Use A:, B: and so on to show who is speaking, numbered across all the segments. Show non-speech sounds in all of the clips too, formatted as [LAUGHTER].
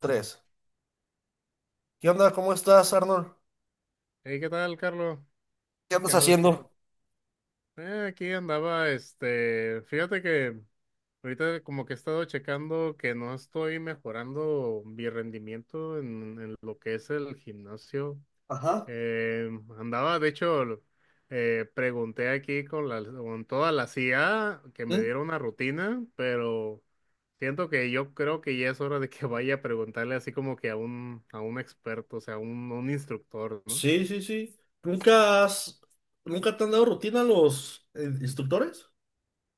A: Tres. ¿Qué onda? ¿Cómo estás, Arnold?
B: Hey, ¿qué tal, Carlos?
A: ¿Qué
B: ¿Qué
A: andas
B: ando- qué cu-
A: haciendo?
B: Aquí andaba, fíjate que ahorita como que he estado checando que no estoy mejorando mi rendimiento en lo que es el gimnasio.
A: Ajá.
B: Eh, Andaba, de hecho, pregunté aquí con toda la CIA que me
A: ¿Mm?
B: diera una rutina, pero siento que yo creo que ya es hora de que vaya a preguntarle así como que a un experto, o sea, a un instructor, ¿no?
A: Sí, sí, sí. ¿ Nunca te han dado rutina los instructores?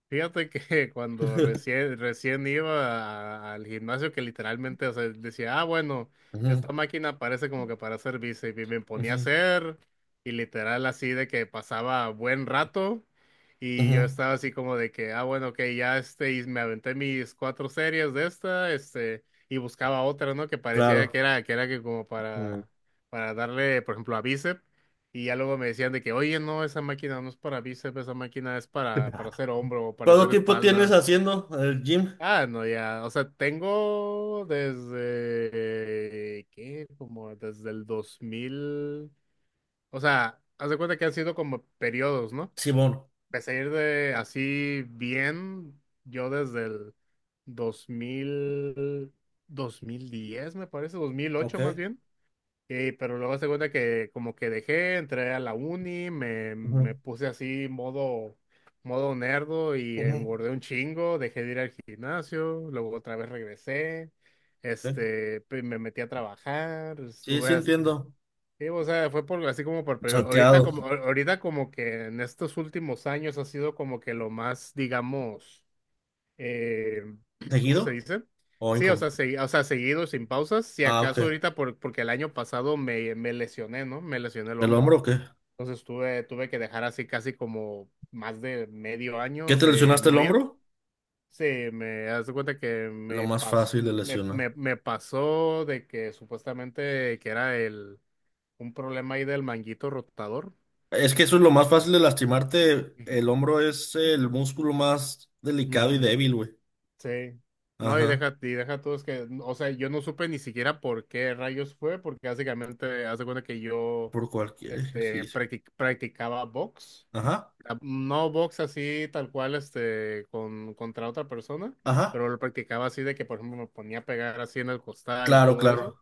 B: Fíjate que [LAUGHS] cuando
A: [LAUGHS]
B: recién iba al gimnasio, que literalmente, o sea, decía, ah, bueno,
A: Ujú,
B: esta máquina parece como que para hacer bíceps, y me ponía a
A: ujú,
B: hacer, y literal así de que pasaba buen rato, y yo
A: ujú.
B: estaba así como de que, ah, bueno, ok, ya, y me aventé mis cuatro series de y buscaba otra, ¿no? Que parecía que
A: Claro.
B: era, que era que como
A: Mm.
B: para darle, por ejemplo, a bíceps, y ya luego me decían de que, oye, no, esa máquina no es para bíceps, esa máquina es para hacer hombro o para
A: ¿Cuánto
B: hacer
A: tiempo tienes
B: espalda.
A: haciendo el gym,
B: Ah, no, ya, o sea, tengo desde, ¿qué? Como desde el dos mil, o sea, haz de cuenta que han sido como periodos, ¿no?
A: Simón?
B: Empecé a ir de así bien, yo desde el dos dos mil 2010 me parece, dos mil
A: Ok.
B: ocho más bien. Sí, pero luego se cuenta que como que dejé, entré a la uni,
A: Ujú,
B: me puse así modo, modo nerdo y
A: ujú,
B: engordé un chingo, dejé de ir al gimnasio, luego otra vez regresé,
A: ok.
B: pe- me metí a trabajar,
A: Sí, sí
B: estuve, as-
A: entiendo.
B: sí, o sea, fue por, así como por, pero
A: Salteado.
B: ahorita como que en estos últimos años ha sido como que lo más, digamos, eh, [CLEARS THROAT] ¿cómo
A: ¿Seguido
B: se dice?
A: o
B: Sí, o sea,
A: incómodo?
B: segui- o sea, seguido, sin pausas. Si
A: Ah, ok.
B: acaso ahorita, por, porque el año pasado me lesioné, ¿no? Me lesioné el
A: ¿El hombro
B: hombro.
A: o qué?
B: Entonces tuve, tuve que dejar así casi como más de medio
A: ¿Qué
B: año
A: te
B: de
A: lesionaste el
B: no ir.
A: hombro?
B: Sí, me das cuenta que
A: Lo
B: me
A: más
B: pasó,
A: fácil de lesionar.
B: me pasó de que supuestamente que era el, un problema ahí del manguito rotador.
A: Es que eso es lo más fácil de
B: Sí.
A: lastimarte. El hombro es el músculo más delicado y
B: Ujú.
A: débil, güey.
B: Sí. No,
A: Ajá.
B: y deja tú, es que, o sea, yo no supe ni siquiera por qué rayos fue, porque básicamente hace cuenta que yo,
A: Por cualquier ejercicio.
B: practic- practicaba box.
A: Ajá.
B: Ah, no box así tal cual, contra otra persona,
A: Ajá.
B: pero lo practicaba así de que, por ejemplo, me ponía a pegar así en el costal y
A: Claro,
B: todo eso.
A: claro.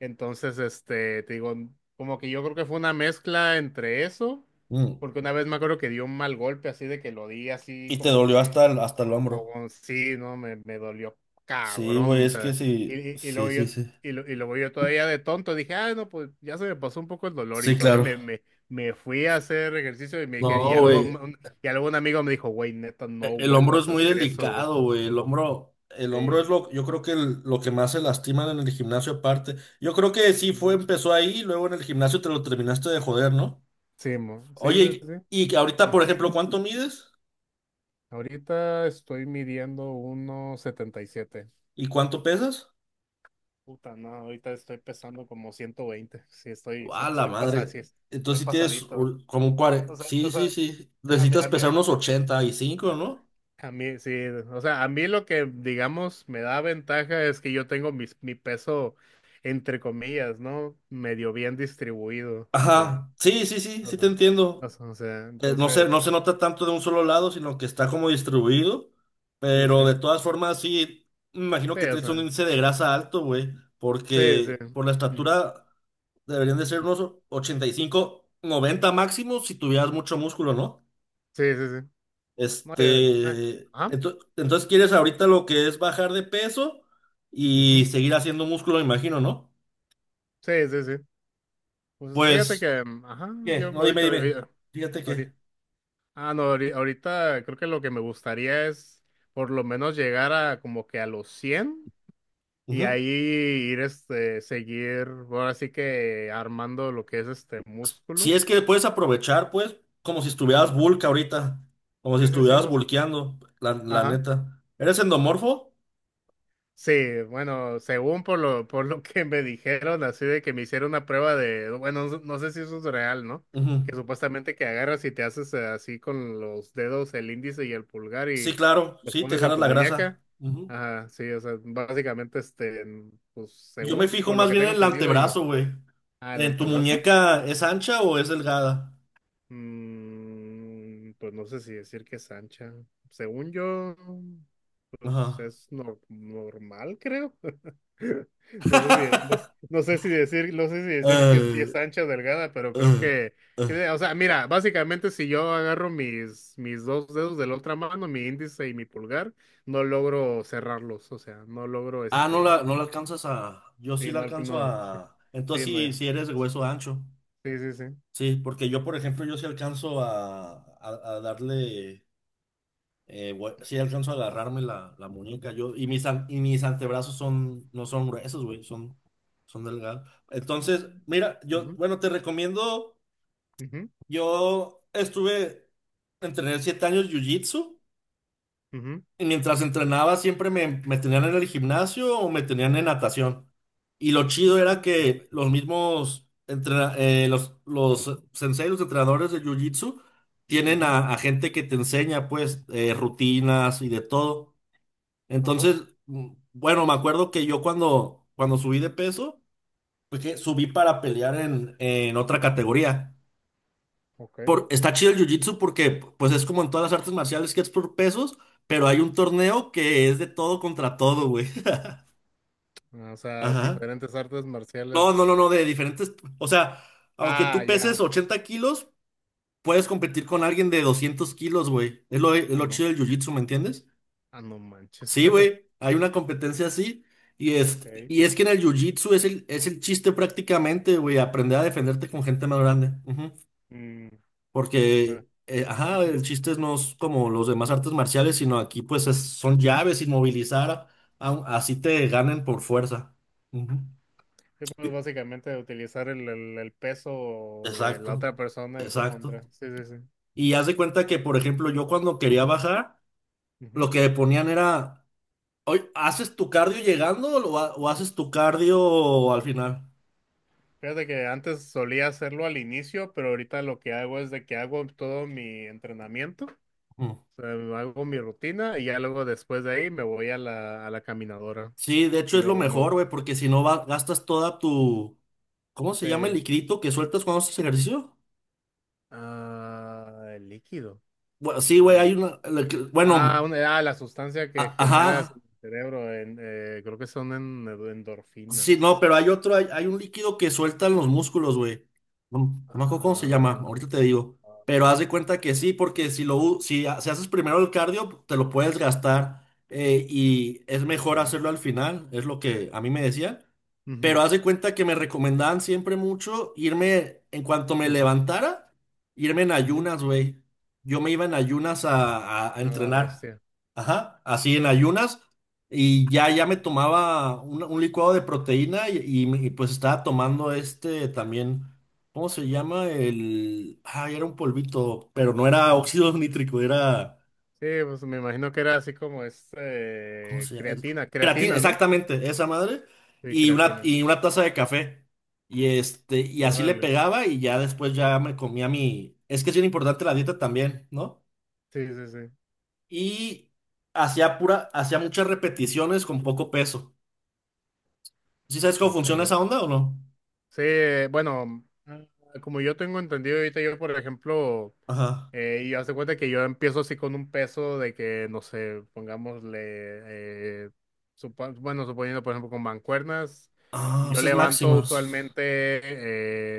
B: Entonces, te digo, como que yo creo que fue una mezcla entre eso,
A: Mm.
B: porque una vez me acuerdo que dio un mal golpe así de que lo di así
A: Y te
B: como
A: dolió
B: que,
A: hasta el
B: como,
A: hombro.
B: como- sí, no, me dolió
A: Sí, güey,
B: cabrón, o
A: es que
B: sea,
A: sí.
B: y
A: Sí,
B: luego yo,
A: sí, sí.
B: y, lo- y luego yo todavía de tonto dije, ah, no, pues ya se me pasó un poco el dolor y
A: Sí,
B: todavía
A: claro.
B: me fui a hacer ejercicio y me dije, y
A: No,
B: algo,
A: güey.
B: un- y algún amigo me dijo, güey, neta, no
A: El hombro es
B: vuelvas a
A: muy
B: hacer eso, güey.
A: delicado, güey. El hombro es
B: Sí,
A: lo, yo creo que lo que más se lastiman en el gimnasio aparte. Yo creo que sí fue,
B: ujú,
A: empezó ahí, luego en el gimnasio te lo terminaste de joder, ¿no?
B: sí,
A: Oye,
B: sí.
A: y ahorita,
B: Sí.
A: por ejemplo, ¿cuánto mides?
B: Ahorita estoy midiendo 1.77.
A: ¿Y cuánto pesas?
B: Puta, no, ahorita estoy pesando como 120. Sí,
A: ¡A la
B: estoy pasado, sí,
A: madre!
B: estoy
A: Entonces si tienes
B: pasadito.
A: como un 40.
B: O sea,
A: Sí, sí, sí.
B: a mí,
A: Necesitas
B: a mí,
A: pesar unos 85, ¿no?
B: a mí, sí, o sea, a mí lo que, digamos, me da ventaja es que yo tengo mis, mi peso, entre comillas, ¿no? Medio bien distribuido, o sea,
A: Ajá. Sí, sí, sí,
B: o
A: sí
B: sea,
A: te entiendo. No no
B: entonces,
A: se nota tanto de un solo lado, sino que está como distribuido.
B: sí,
A: Pero
B: sí,
A: de todas formas, sí, me imagino
B: sí,
A: que
B: o
A: traes un
B: sea,
A: índice de grasa alto, güey.
B: sí, sí,
A: Porque por la
B: ujú,
A: estatura deberían de ser unos 85, 90 máximo si tuvieras mucho músculo, ¿no?
B: sí, sí, sí, no, yo, eh,
A: Este,
B: ajá,
A: entonces quieres ahorita lo que es bajar de peso y
B: ujú.
A: seguir haciendo músculo, me imagino, ¿no?
B: Sí, sí, sí. Pues fíjate
A: Pues,
B: que, mm, ajá, yo
A: ¿qué? No, dime,
B: ahorita,
A: dime.
B: ahorita,
A: Fíjate que.
B: ahori- ah, no, ahori- ahorita, creo que lo que me gustaría es por lo menos llegar a como que a los 100 y
A: Ujú.
B: ahí ir, seguir, ahora sí que armando lo que es este
A: Si
B: músculo.
A: es que puedes aprovechar, pues, como si estuvieras
B: Ujú.
A: bulk ahorita, como si
B: Sí, sí, sí,
A: estuvieras
B: no sé.
A: bulkeando, la
B: Ajá.
A: neta. ¿Eres endomorfo?
B: Sí, bueno, según por lo que me dijeron, así de que me hicieron una prueba de, bueno, no, no sé si eso es real, ¿no?
A: Ujú.
B: Que supuestamente que agarras y te haces así con los dedos, el índice y el pulgar
A: Sí,
B: y
A: claro,
B: los
A: sí, te
B: pones en
A: jalas
B: tu
A: la grasa.
B: muñeca.
A: Ujú.
B: Ajá, sí, o sea, básicamente, pues
A: Yo me
B: según
A: fijo
B: por lo
A: más
B: que
A: bien en
B: tengo
A: el
B: entendido yo.
A: antebrazo, güey.
B: Ah, el
A: ¿En tu
B: antebrazo.
A: muñeca es ancha o es delgada?
B: Mm, pues no sé si decir que es ancha. Según yo, pues
A: Ajá.
B: es nor- normal, creo. No sé si, no,
A: [LAUGHS]
B: no sé si decir, no sé si decir que sí
A: Eh,
B: es ancha o delgada, pero creo
A: eh, eh.
B: que- o sea, mira, básicamente si yo agarro mis dos dedos de la otra mano, mi índice y mi pulgar, no logro cerrarlos, o sea, no logro
A: Ah, no la alcanzas a. Yo sí
B: sí,
A: la
B: no,
A: alcanzo
B: no, sí,
A: a. Entonces
B: sí, no,
A: sí,
B: ya,
A: sí eres de hueso ancho.
B: sí, sí, sí.
A: Sí, porque yo, por ejemplo, yo sí alcanzo a, a darle. Sí alcanzo a agarrarme la muñeca. Yo, y mis antebrazos son, no son gruesos, güey, son delgados. Entonces,
B: Mm,
A: mira, yo,
B: ujú,
A: bueno, te recomiendo.
B: ujú,
A: Yo estuve, entrené 7 años jiu-jitsu.
B: ujú,
A: Y mientras entrenaba siempre me tenían en el gimnasio o me tenían en natación. Y lo chido era
B: ujú,
A: que los mismos los sensei, los entrenadores de Jiu-Jitsu, tienen
B: ujú.
A: a gente que te enseña pues rutinas y de todo.
B: Ajá,
A: Entonces, bueno, me acuerdo que yo cuando subí de peso, pues que subí para pelear en otra categoría
B: ok.
A: está chido el jiu-jitsu porque pues es como en todas las artes marciales que es por pesos, pero hay un torneo que es de todo contra todo, güey. [LAUGHS]
B: Ah, o sea,
A: Ajá.
B: diferentes artes
A: No, no, no,
B: marciales.
A: no, de diferentes, o sea, aunque
B: Ah,
A: tú peses
B: ya.
A: 80 kilos, puedes competir con alguien de 200 kilos, güey. Es lo, es
B: Ah,
A: lo
B: no.
A: chido del jiu-jitsu, ¿me entiendes?
B: Ah, no manches.
A: Sí,
B: [LAUGHS]
A: güey, hay una competencia así y
B: Ok.
A: y es que en el jiu-jitsu es el chiste prácticamente, güey, aprender a defenderte con gente más grande.
B: Mm.
A: Porque, ajá,
B: Ujú.
A: el chiste no es como los demás artes marciales, sino aquí pues son llaves, inmovilizar, así te ganen por fuerza. Ujú.
B: Sí, pues básicamente utilizar el, el peso de la
A: Exacto,
B: otra persona en su
A: exacto.
B: contra. Sí, sí, sí.
A: Y haz de cuenta que, por ejemplo, yo cuando quería bajar,
B: Ujú.
A: lo que ponían era, oye, ¿haces tu cardio llegando o, o haces tu cardio al final?
B: Fíjate que antes solía hacerlo al inicio, pero ahorita lo que hago es de que hago todo mi entrenamiento,
A: Mm.
B: o sea, hago mi rutina y ya luego después de ahí me voy a la caminadora
A: Sí, de hecho
B: y
A: es
B: me
A: lo
B: voy, me
A: mejor,
B: voy.
A: güey, porque si no gastas toda tu, ¿cómo se llama el
B: Sí.
A: licrito que sueltas cuando haces ejercicio?
B: Ah, el líquido.
A: Bueno, sí, güey, hay
B: Ah,
A: una, bueno,
B: la sustancia que
A: Ajá,
B: generas en el cerebro, en, creo que son en,
A: sí, no,
B: endorfinas.
A: pero hay otro, hay un líquido que sueltan los músculos, güey. No, no me acuerdo cómo se
B: Ah,
A: llama,
B: ah,
A: ahorita te digo. Pero haz
B: ah,
A: de cuenta que sí, porque si lo, u- si, ha- si haces primero el cardio, te lo puedes gastar y es mejor
B: ok.
A: hacerlo al final, es lo que a mí me decían. Pero
B: Ujú,
A: haz de cuenta que me recomendaban siempre mucho irme, en cuanto me
B: ujú,
A: levantara, irme en
B: ujú.
A: ayunas, güey. Yo me iba en ayunas a
B: A la
A: entrenar.
B: bestia.
A: Ajá, así en ayunas. Y ya me tomaba un licuado de proteína y pues estaba tomando este también, ¿cómo se llama? El. Ah, era un polvito, pero no era óxido [LAUGHS] nítrico, era.
B: Sí, pues me imagino que era así como
A: ¿Cómo
B: este
A: se llama?
B: creatina,
A: Creatina,
B: creatina, ¿no?
A: exactamente, esa madre.
B: Sí,
A: Y una,
B: creatina.
A: y una taza de café. Y este, y así le
B: Órale.
A: pegaba y ya después ya me comía mi. Es que es bien importante la dieta también, ¿no?
B: Sí, sí, sí.
A: Y hacía muchas repeticiones con poco peso. ¿Sí sabes cómo funciona
B: Ok.
A: esa onda o no?
B: Sí, bueno, ah, como yo tengo entendido ahorita, yo por ejemplo,
A: Ajá.
B: y hace cuenta que yo empiezo así con un peso de que, no sé, pongámosle, eh, bueno, suponiendo por ejemplo con mancuernas,
A: Ah,
B: yo
A: esas
B: levanto
A: máximas.
B: usualmente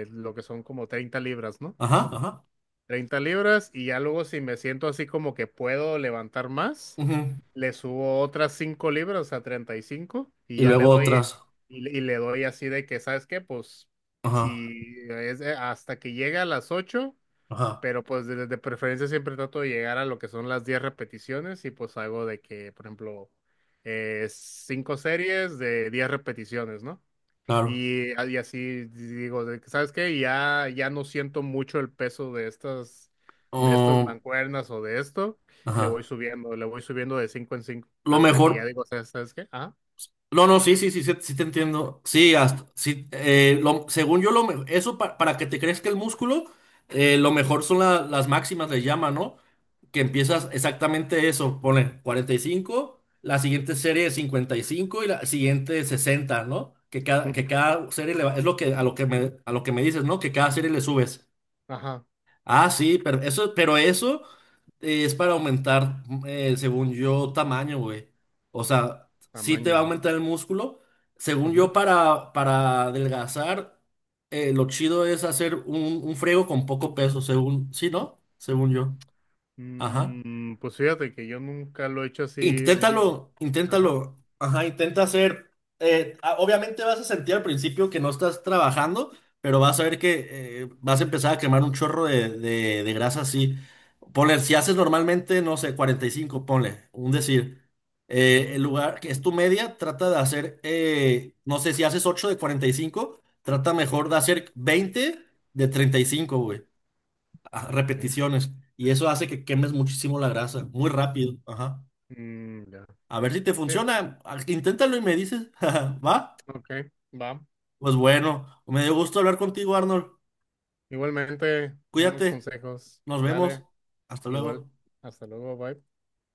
B: lo que son como 30 libras, ¿no?
A: Ajá, ajá.
B: 30 libras y ya luego si me siento así como que puedo levantar más,
A: Ujú.
B: le subo otras 5 libras a 35 y
A: Y
B: ya le
A: luego
B: doy,
A: otras.
B: y le doy así de que, ¿sabes qué? Pues
A: Ajá,
B: si es hasta que llegue a las ocho,
A: ajá,
B: pero pues de preferencia siempre trato de llegar a lo que son las 10 repeticiones y pues hago de que, por ejemplo, 5 series de 10 repeticiones, ¿no?
A: claro.
B: Y, ah, y así digo, de que, ¿sabes qué? Ya, ya no siento mucho el peso de estas
A: Um,
B: mancuernas o de esto.
A: ajá.
B: Le voy subiendo de cinco en cinco
A: Lo
B: hasta que ya
A: mejor.
B: digo, ¿sabes qué? Ah,
A: No, no, sí, sí, sí, sí, sí te entiendo. Sí, según yo, eso para que te crezca el músculo, lo mejor son las máximas, les llama, ¿no? Que empiezas exactamente eso, pone 45, la siguiente serie de 55 y cinco y la siguiente 60, ¿no? Que cada,
B: ujú,
A: que cada serie es lo que, a lo que me dices, ¿no? Que cada serie le subes.
B: ajá,
A: Ah, sí, pero eso es para aumentar, según yo, tamaño, güey. O sea, sí te va a
B: tamaño.
A: aumentar el músculo. Según yo,
B: Ujú.
A: para adelgazar, lo chido es hacer un friego con poco peso, según, sí, ¿no? Según yo. Ajá.
B: Mm, pues fíjate que yo nunca lo he hecho así. Yo-
A: Inténtalo,
B: ajá.
A: inténtalo. Ajá, intenta hacer. Obviamente vas a sentir al principio que no estás trabajando, pero vas a ver que vas a empezar a quemar un chorro de grasa así. Ponle, si haces normalmente, no sé, 45 ponle, un decir.
B: Ujú,
A: El lugar que es tu media, trata de hacer, no sé, si haces 8 de 45 trata mejor de hacer 20 de 35, güey. Ah,
B: ok.
A: repeticiones. Y eso hace que quemes muchísimo la grasa, muy rápido. Ajá.
B: Mm, ya.
A: A ver si te
B: Sí,
A: funciona. Ah, inténtalo y me dices. [LAUGHS] ¿Va?
B: ok, va.
A: Pues bueno, me dio gusto hablar contigo, Arnold.
B: Igualmente, buenos
A: Cuídate.
B: consejos.
A: Nos vemos.
B: Dale,
A: Hasta
B: igual.
A: luego.
B: Hasta luego, bye.